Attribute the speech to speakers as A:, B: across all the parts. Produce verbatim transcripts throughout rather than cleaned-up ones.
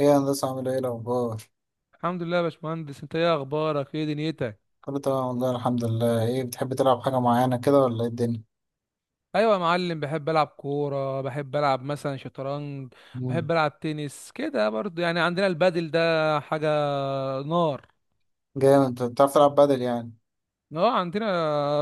A: ايه يا هندسة عامل ايه الأخبار؟
B: الحمد لله يا باشمهندس. انت ايه اخبارك؟ ايه دنيتك؟
A: كله تمام والله الحمد لله، ايه بتحب تلعب حاجة معينة كده ولا ايه الدنيا؟
B: ايوه يا معلم، بحب العب كوره، بحب العب مثلا شطرنج،
A: مم.
B: بحب العب تنس كده برضو. يعني عندنا البادل ده حاجه نار.
A: جامد انت بتعرف تلعب بدل يعني؟
B: اه عندنا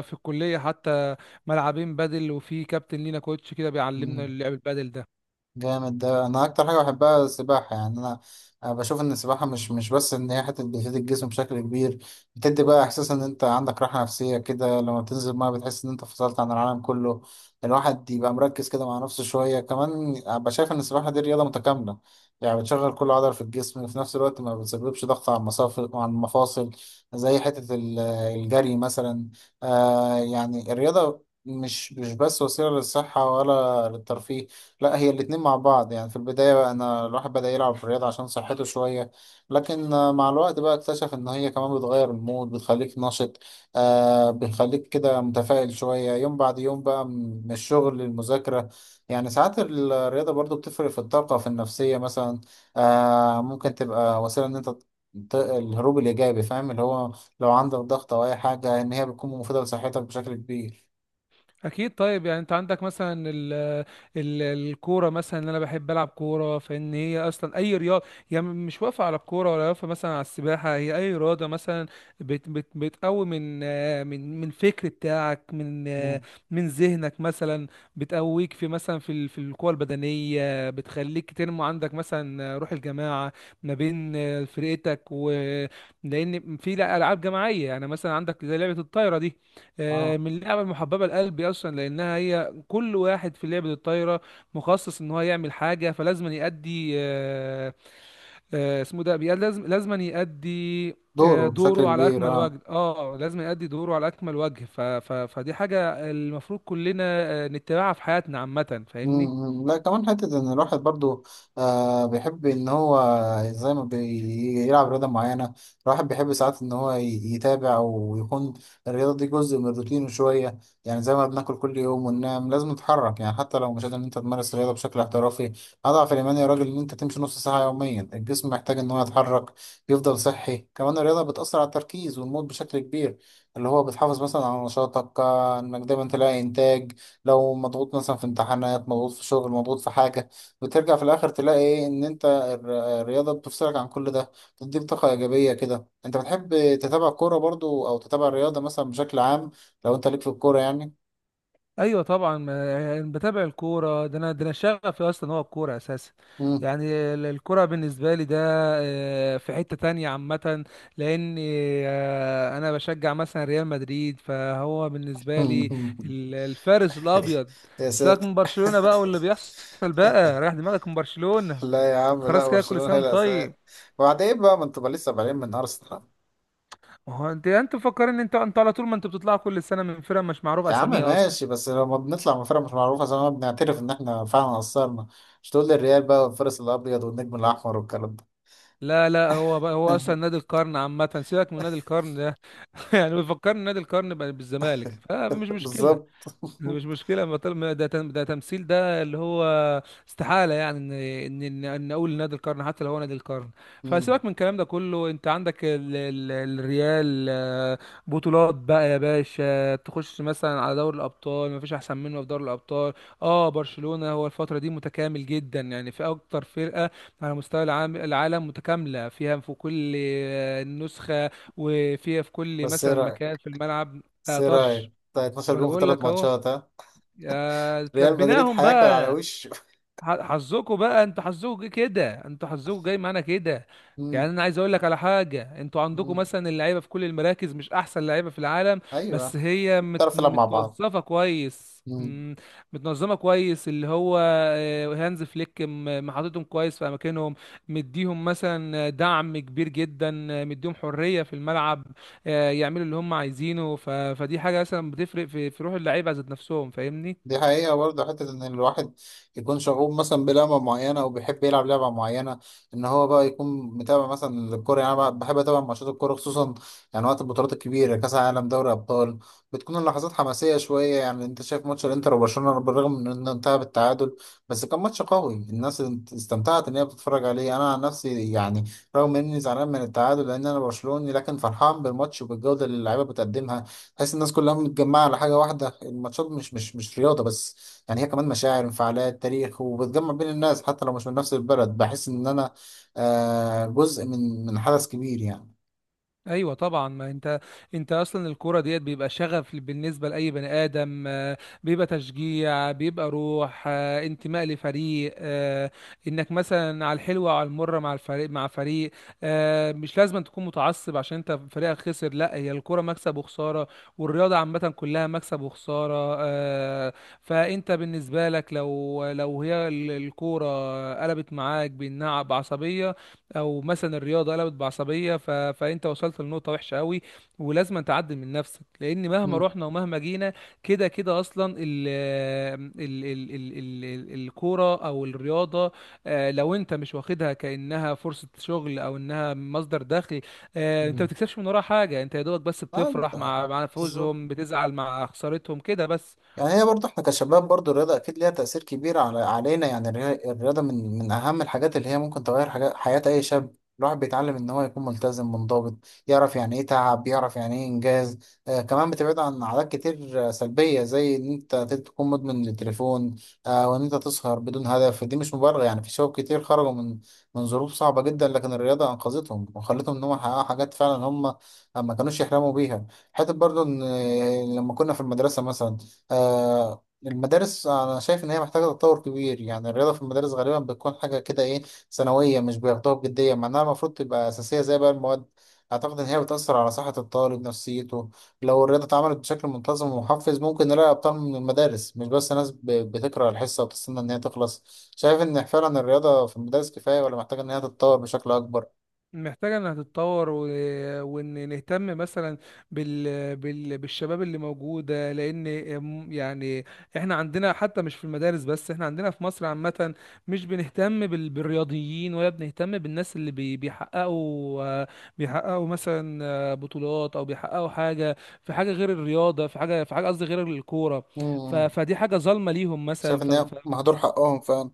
B: في الكليه حتى ملعبين بادل، وفي كابتن لينا كوتش كده بيعلمنا
A: مم.
B: لعب البادل ده.
A: جامد ده انا اكتر حاجه بحبها السباحه يعني انا أنا بشوف ان السباحه مش مش بس ان هي حته بتفيد الجسم بشكل كبير. بتدي بقى احساس ان انت عندك راحه نفسيه كده لما بتنزل الميه بتحس ان انت فصلت عن العالم كله. الواحد يبقى مركز كده مع نفسه شويه كمان. أبقى شايف ان السباحه دي رياضه متكامله، يعني بتشغل كل عضله في الجسم وفي نفس الوقت ما بتسببش ضغط على المصافي وعلى المفاصل زي حته ال- الجري مثلا. آه يعني الرياضه مش مش بس وسيله للصحه ولا للترفيه، لا هي الاتنين مع بعض. يعني في البداية بقى أنا الواحد بدأ يلعب في الرياضة عشان صحته شوية، لكن آه، مع الوقت بقى اكتشف إن هي كمان بتغير المود، بتخليك نشط، آه بتخليك كده متفائل شوية. يوم بعد يوم بقى م- من الشغل للمذاكرة، يعني ساعات الرياضة برضو بتفرق في الطاقة في النفسية مثلا. آه ممكن تبقى وسيلة إن أنت ت- الهروب الإيجابي، فاهم اللي هو لو عندك ضغط أو أي حاجة إن هي بتكون مفيدة لصحتك بشكل كبير.
B: اكيد. طيب يعني انت عندك مثلا ال ال الكوره مثلا ان انا بحب العب كوره، فان هي اصلا اي رياضه، هي م- مش واقفه على الكوره ولا واقفه مثلا على السباحه، هي اي رياضه مثلا بت بت بتقوي من آه، من من الفكر بتاعك، من آه،
A: مم.
B: من ذهنك مثلا. بتقويك في مثلا في ال- في القوه البدنيه، بتخليك تنمو عندك مثلا روح الجماعه ما بين آه، فرقتك. و لان في العاب جماعيه، يعني مثلا عندك زي لعبه الطايره دي، آه،
A: اه
B: من اللعبة المحببة لقلبي أصلا، لأنها هي كل واحد في لعبة الطايرة مخصص إن هو يعمل حاجة، فلازم يأدي آه، آه، اسمه ده بي- لازم لازم يأدي آه،
A: دوره بشكل
B: دوره على
A: كبير
B: أكمل
A: اه.
B: وجه. اه لازم يأدي دوره على أكمل وجه. ف ف فدي حاجة المفروض كلنا آه، نتبعها في حياتنا عامة، فاهمني.
A: مم. لا كمان حتة إن الواحد برضو آه بيحب إن هو زي ما بيلعب رياضة معينة، الواحد بيحب ساعات إن هو ي- يتابع ويكون الرياضة دي جزء من روتينه شوية. يعني زي ما بناكل كل يوم وننام، لازم نتحرك، يعني حتى لو مش قادر إن أنت تمارس الرياضة بشكل احترافي، أضعف الإيمان يا راجل إن أنت تمشي نص ساعة يوميا. الجسم محتاج إن هو يتحرك يفضل صحي. كمان الرياضة بتأثر على التركيز والمود بشكل كبير، اللي هو بتحافظ مثلا على نشاطك، آه، إنك دايما تلاقي إنتاج لو مضغوط مثلا في امتحانات، مضغوط في شغل، مضغوط في حاجة، بترجع في الآخر تلاقي إيه إن أنت الر- الرياضة بتفصلك عن كل ده، بتديك طاقة إيجابية كده. أنت بتحب تتابع كورة برضو أو تتابع الرياضة مثلا بشكل عام؟ لو أنت ليك في الكورة يعني.
B: ايوه طبعا. ما- يعني بتابع الكوره. ده انا ده انا شغفي اصلا هو الكوره اساسا.
A: مم.
B: يعني ال- الكوره بالنسبه لي ده آه، في حته تانية عامه. لان آه، انا بشجع مثلا ريال مدريد، فهو بالنسبه لي ال- الفارس الابيض.
A: يا
B: سيبك
A: ساتر
B: من برشلونه بقى، واللي بيحصل بقى رايح دماغك من برشلونه.
A: لا يا عم لا،
B: خلاص كده، كل
A: برشلونة
B: سنه
A: هي
B: وأنت
A: الأساس.
B: طيب.
A: وبعدين إيه بقى، ما انتوا بقى لسه بعدين من أرسنال.
B: ما هو انت انت مفكرين ان انتوا انتوا على طول، ما انتوا بتطلعوا كل سنه من فرقه مش معروف
A: يا عم
B: اساميها.
A: ماشي، بس لما بنطلع من فرقة مش معروفة زي ما بنعترف إن إحنا فعلا قصرنا، مش تقول لي الريال بقى والفارس الأبيض والنجم الأحمر والكلام ده.
B: لا لا، هو بقى هو اصلا نادي القرن عامه، سيبك من نادي القرن ده. يعني بيفكرني نادي القرن بقى بالزمالك، فمش مشكله.
A: بالظبط.
B: مش مشكلة. ما طالما ما ده تم- ده تمثيل، ده اللي هو استحالة يعني ان ان ان إن اقول نادي القرن حتى لو هو نادي القرن.
A: مم.
B: فسيبك من الكلام ده كله. انت عندك ال ال الريال آه، بطولات بقى يا باشا. تخش مثلا على دوري الابطال، ما فيش احسن منه في دوري الابطال. اه برشلونة هو الفترة دي متكامل جدا، يعني في اكتر فرقة على مستوى العام العالم، متكاملة فيها في كل آه، نسخة، وفيها في كل
A: بس ايه
B: مثلا مكان
A: رايك
B: في الملعب.
A: بس
B: لا
A: ايه رايك
B: طرش.
A: بتاع اثنا عشر
B: فانا
A: جون في
B: بقول
A: ثلاث
B: لك اهو.
A: ماتشات ها؟
B: يا
A: ريال مدريد
B: تلبيناهم
A: هياكل على
B: بقى.
A: وشه.
B: ح- حظكوا بقى، انتوا حظكوا جه كده انتوا حظكوا جاي معانا كده.
A: مم.
B: يعني انا عايز اقول لك على حاجه. انتوا عندكم
A: مم.
B: مثلا اللعيبه في كل المراكز، مش احسن لعيبه في العالم. بس
A: ايوه.
B: هي مت...
A: تعرف تلعب مع بعض.
B: متوظفه كويس،
A: مم.
B: مم، متنظمه كويس، اللي هو آه، هانز فليك م- محطتهم كويس في اماكنهم. مديهم مثلا دعم كبير جدا، آه، مديهم حريه في الملعب آه، يعملوا اللي هم عايزينه. ف... فدي حاجه مثلا بتفرق في, في روح اللعيبه ذات نفسهم، فاهمني.
A: دي حقيقة برضه، حتة إن الواحد يكون شغوف مثلا بلعبة معينة أو بيحب يلعب لعبة معينة، إن هو بقى يكون متابع مثلا الكورة. يعني أنا بحب أتابع ماتشات الكورة خصوصا يعني وقت البطولات الكبيرة، كأس العالم، دوري أبطال، بتكون اللحظات حماسية شوية. يعني أنت شايف ماتش الإنتر وبرشلونة، بالرغم من إنه انتهى بالتعادل بس كان ماتش قوي. الناس استمتعت إن هي بتتفرج عليه. أنا عن نفسي يعني رغم إني زعلان من التعادل لأن أنا برشلوني، لكن فرحان بالماتش وبالجودة اللي اللعيبة بتقدمها. تحس الناس كلها متجمعة على حاجة واحدة. الماتشات مش مش مش رياضة بس، يعني هي كمان مشاعر، انفعالات، تاريخ، وبتجمع بين الناس حتى لو مش من نفس البلد. بحس إن أنا آه جزء من من حدث كبير يعني.
B: ايوه طبعا. ما انت انت اصلا الكوره ديت بيبقى شغف بالنسبه لاي بني ادم آه، بيبقى تشجيع، بيبقى روح آه، انتماء لفريق آه، انك مثلا على الحلوه وعلى المره مع الفريق مع فريق آه، مش لازم تكون متعصب عشان انت فريقك خسر. لا هي الكوره مكسب وخساره، والرياضه عامه كلها مكسب وخساره آه، فانت بالنسبه لك، لو لو هي ال- الكوره قلبت معاك بانها بعصبيه، او مثلا الرياضه قلبت بعصبيه، ف... فانت وصلت لنقطه وحشه قوي، ولازم تعدل من نفسك. لان مهما
A: مم.
B: رحنا ومهما جينا، كده كده اصلا ال... ال... ال... ال... ال... ال- الكوره او الرياضه، آه، لو انت مش واخدها كانها فرصه شغل او انها مصدر دخل آه، انت ما
A: مم.
B: بتكسبش من وراها حاجه، انت يا دوبك بس
A: آه
B: بتفرح مع
A: ده-
B: مع
A: بالظبط.
B: فوزهم، بتزعل مع خسارتهم كده بس.
A: يعني هي برضه احنا كشباب برضه الرياضة أكيد ليها تأثير كبير على علينا. يعني الري- الرياضة من من أهم الحاجات اللي هي ممكن تغير حاجات حياة أي شاب. الواحد بيتعلم إن هو يكون ملتزم منضبط، يعرف يعني إيه تعب، يعرف يعني إيه إنجاز. آه كمان بتبعد عن عادات كتير آه، سلبية زي إن أنت تكون مدمن للتليفون، آه وإن أنت تسهر بدون هدف. دي مش مبرر، يعني في شباب كتير خرجوا من من ظروف صعبة جدا لكن الرياضة أنقذتهم وخلتهم إن هم يحققوا حاجات فعلا هم ما كانوش يحلموا بيها. حتى برضه إن آه، لما كنا في المدرسة مثلا، آه المدارس أنا شايف إن هي محتاجة تطور كبير. يعني الرياضة في المدارس غالبا بتكون حاجة كده إيه، ثانوية، مش بياخدوها بجدية مع إنها المفروض تبقى أساسية زي بقى المواد. أعتقد إن هي بتأثر على صحة الطالب نفسيته لو الرياضة اتعملت بشكل منتظم ومحفز ممكن نلاقي أبطال من المدارس، مش بس ناس ب- بتكره الحصة وبتستنى إن هي تخلص. شايف إن فعلا الرياضة في المدارس كفاية ولا محتاجة إن هي تتطور بشكل أكبر؟
B: محتاجة انها تتطور و... وان نهتم مثلا بال... بال... بالشباب اللي موجودة. لان م- يعني احنا عندنا، حتى مش في المدارس بس، احنا عندنا في مصر عامة مش بنهتم بال... بالرياضيين، ولا بنهتم بالناس اللي بي... بيحققوا بيحققوا مثلا آه، بطولات، او بيحققوا حاجة في حاجة غير الرياضة، في حاجة في حاجة قصدي غير الكورة. ف...
A: مم.
B: فدي حاجة ظالمة ليهم مثلا
A: شايف إن هي مهدور حقهم فعلا.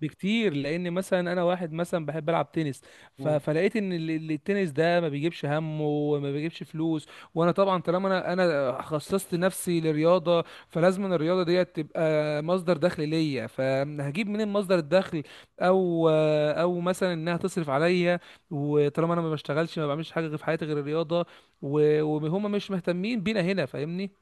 B: بكتير. لان مثلا انا واحد مثلا بحب العب تنس، ف... فلقيت ان ال- ال- التنس ده ما بيجيبش همه وما بيجيبش فلوس. وانا طبعا طالما انا انا خصصت نفسي لرياضه، فلازم أن الرياضه ديت تبقى مصدر دخل ليا. فهجيب منين مصدر الدخل؟ او او مثلا انها تصرف عليا. وطالما انا ما بشتغلش، ما بعملش حاجه في حياتي غير الرياضه، و... وهم مش مهتمين بينا هنا، فاهمني.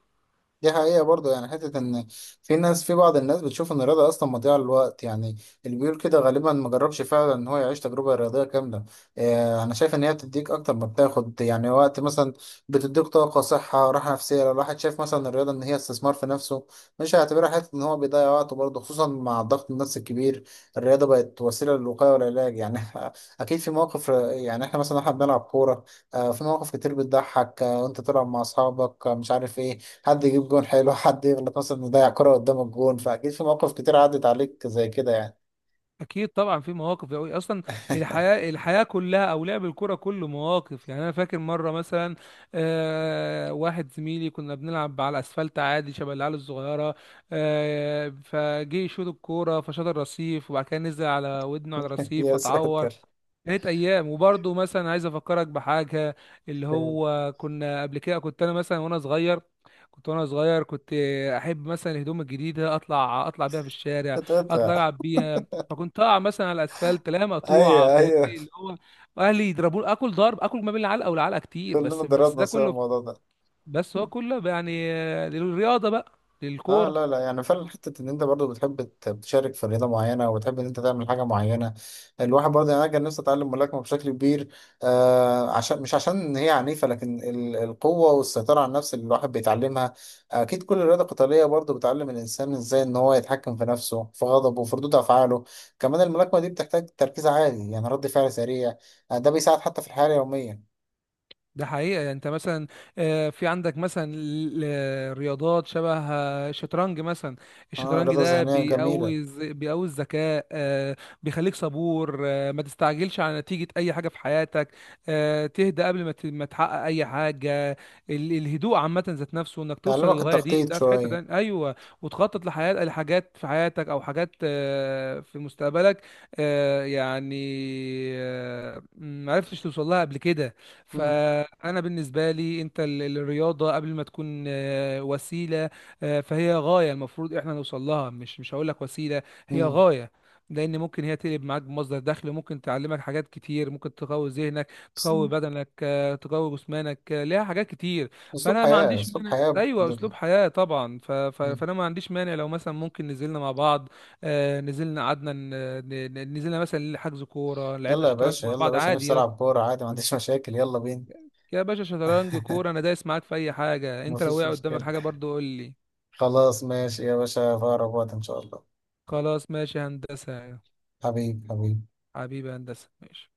A: دي حقيقة برضه. يعني حتة إن في ناس، في بعض الناس بتشوف إن الرياضة أصلا مضيعة للوقت. يعني اللي بيقول كده غالبا ما جربش فعلا إن هو يعيش تجربة رياضية كاملة. آه أنا شايف إن هي بتديك أكتر ما بتاخد، يعني وقت مثلا بتديك طاقة، صحة، راحة نفسية. لو الواحد شايف مثلا الرياضة إن هي استثمار في نفسه مش هيعتبرها حتة إن هو بيضيع وقته، برضه خصوصا مع الضغط النفسي الكبير الرياضة بقت وسيلة للوقاية والعلاج يعني. أكيد في مواقف. يعني إحنا مثلا إحنا بنلعب كورة، آه في مواقف كتير بتضحك. آه وأنت تلعب مع أصحابك آه مش عارف إيه، حد يجيب جون حلو، حد يغلط مثلا يضيع كرة قدام الجون، فأكيد في مواقف كتير عدت عليك زي كده يعني.
B: اكيد طبعا، في مواقف قوي اصلا. الحياه الحياه كلها، او لعب الكره كله مواقف. يعني انا فاكر مره مثلا آه واحد زميلي، كنا بنلعب على الاسفلت عادي شبه العيال الصغيره، آه فجه يشوط الكوره، فشاط الرصيف، وبعد كده نزل على ودنه على الرصيف
A: يا
B: فتعور.
A: ساتر.
B: كانت ايام. وبرضه مثلا عايز افكرك بحاجه، اللي هو كنا قبل كده، كنت انا مثلا وانا صغير كنت وانا صغير كنت احب مثلا الهدوم الجديده، اطلع اطلع بيها في الشارع، اطلع
A: قطعتها.
B: العب بيها. فكنت اقع مثلا على الاسفلت، لا مقطوعه،
A: أيوه
B: فاهمني،
A: أيوه.
B: اللي هو اهلي يضربوني، اكل ضرب، اكل ما بين العلقه والعلقه كتير.
A: كلنا
B: بس بس
A: ضربنا
B: ده
A: سوا
B: كله،
A: الموضوع ده.
B: بس هو كله يعني آه، للرياضه بقى،
A: اه لا
B: للكوره.
A: لا يعني فعلا حته ان انت برضو بتحب ت- تشارك في رياضه معينه وبتحب ان انت تعمل حاجه معينه. الواحد برضو يعني انا كان نفسي اتعلم ملاكمه بشكل كبير، آه عشان مش عشان إن هي عنيفه لكن ال- القوه والسيطره على النفس اللي الواحد بيتعلمها. اكيد كل رياضه قتاليه برضو بتعلم الانسان ازاي ان هو يتحكم في نفسه، في غضبه، وفي ردود افعاله. كمان الملاكمه دي بتحتاج تركيز عالي، يعني رد فعل سريع، آه ده بيساعد حتى في الحياه اليوميه.
B: ده حقيقة. يعني انت مثلا آه، في عندك مثلا ل- ل- رياضات شبه آه، الشطرنج مثلا.
A: اه
B: الشطرنج
A: رياضه
B: ده
A: ذهنيه جميله.
B: بيقوي الز- بيقوي الذكاء، آه، بيخليك صبور، آه، ما تستعجلش على نتيجة اي حاجة في حياتك، آه، تهدى قبل ما ت- ما تحقق اي حاجة. ال- الهدوء عامة ذات نفسه، انك توصل
A: تعلمك
B: للغاية دي،
A: التخطيط
B: ده في حتة
A: شويه.
B: تانية ايوه. وتخطط لحياة، لحاجات في حياتك، او حاجات آه، في مستقبلك، آه، يعني آه، ما عرفتش توصل لها قبل كده.
A: مم.
B: فانا بالنسبه لي، انت ال- الرياضه قبل ما تكون آه، وسيله، آه، فهي غايه المفروض احنا نوصل لها. مش مش هقول لك وسيله، هي غايه. لان ممكن هي تقلب معاك بمصدر دخل، ممكن تعلمك حاجات كتير، ممكن تقوي ذهنك، تقوي
A: مم.
B: بدنك، آه، تقوي جسمانك، آه، ليها حاجات كتير.
A: اسلوب
B: فانا ما
A: حياة،
B: عنديش
A: اسلوب
B: مانع.
A: حياة
B: ايوه
A: ب...
B: اسلوب حياه طبعا. ف... ف... فانا ما عنديش مانع. لو مثلا ممكن نزلنا مع بعض، آه، نزلنا قعدنا ن... ن- نزلنا مثلا حجز كوره، لعبنا
A: يلا يا
B: شطرنج
A: باشا،
B: مع
A: يلا يا
B: بعض
A: باشا، نفسي
B: عادي.
A: العب كورة عادي، ما عنديش مشاكل، يلا بينا.
B: يا باشا شطرنج كورة، انا دايس معاك في اي حاجة. انت لو
A: مفيش
B: وقع قدامك
A: مشكلة.
B: حاجة برضو، قول لي.
A: خلاص ماشي يا باشا، في اقرب وقت ان شاء الله.
B: خلاص ماشي هندسة.
A: حبيبي حبيبي.
B: حبيبي هندسة ماشي.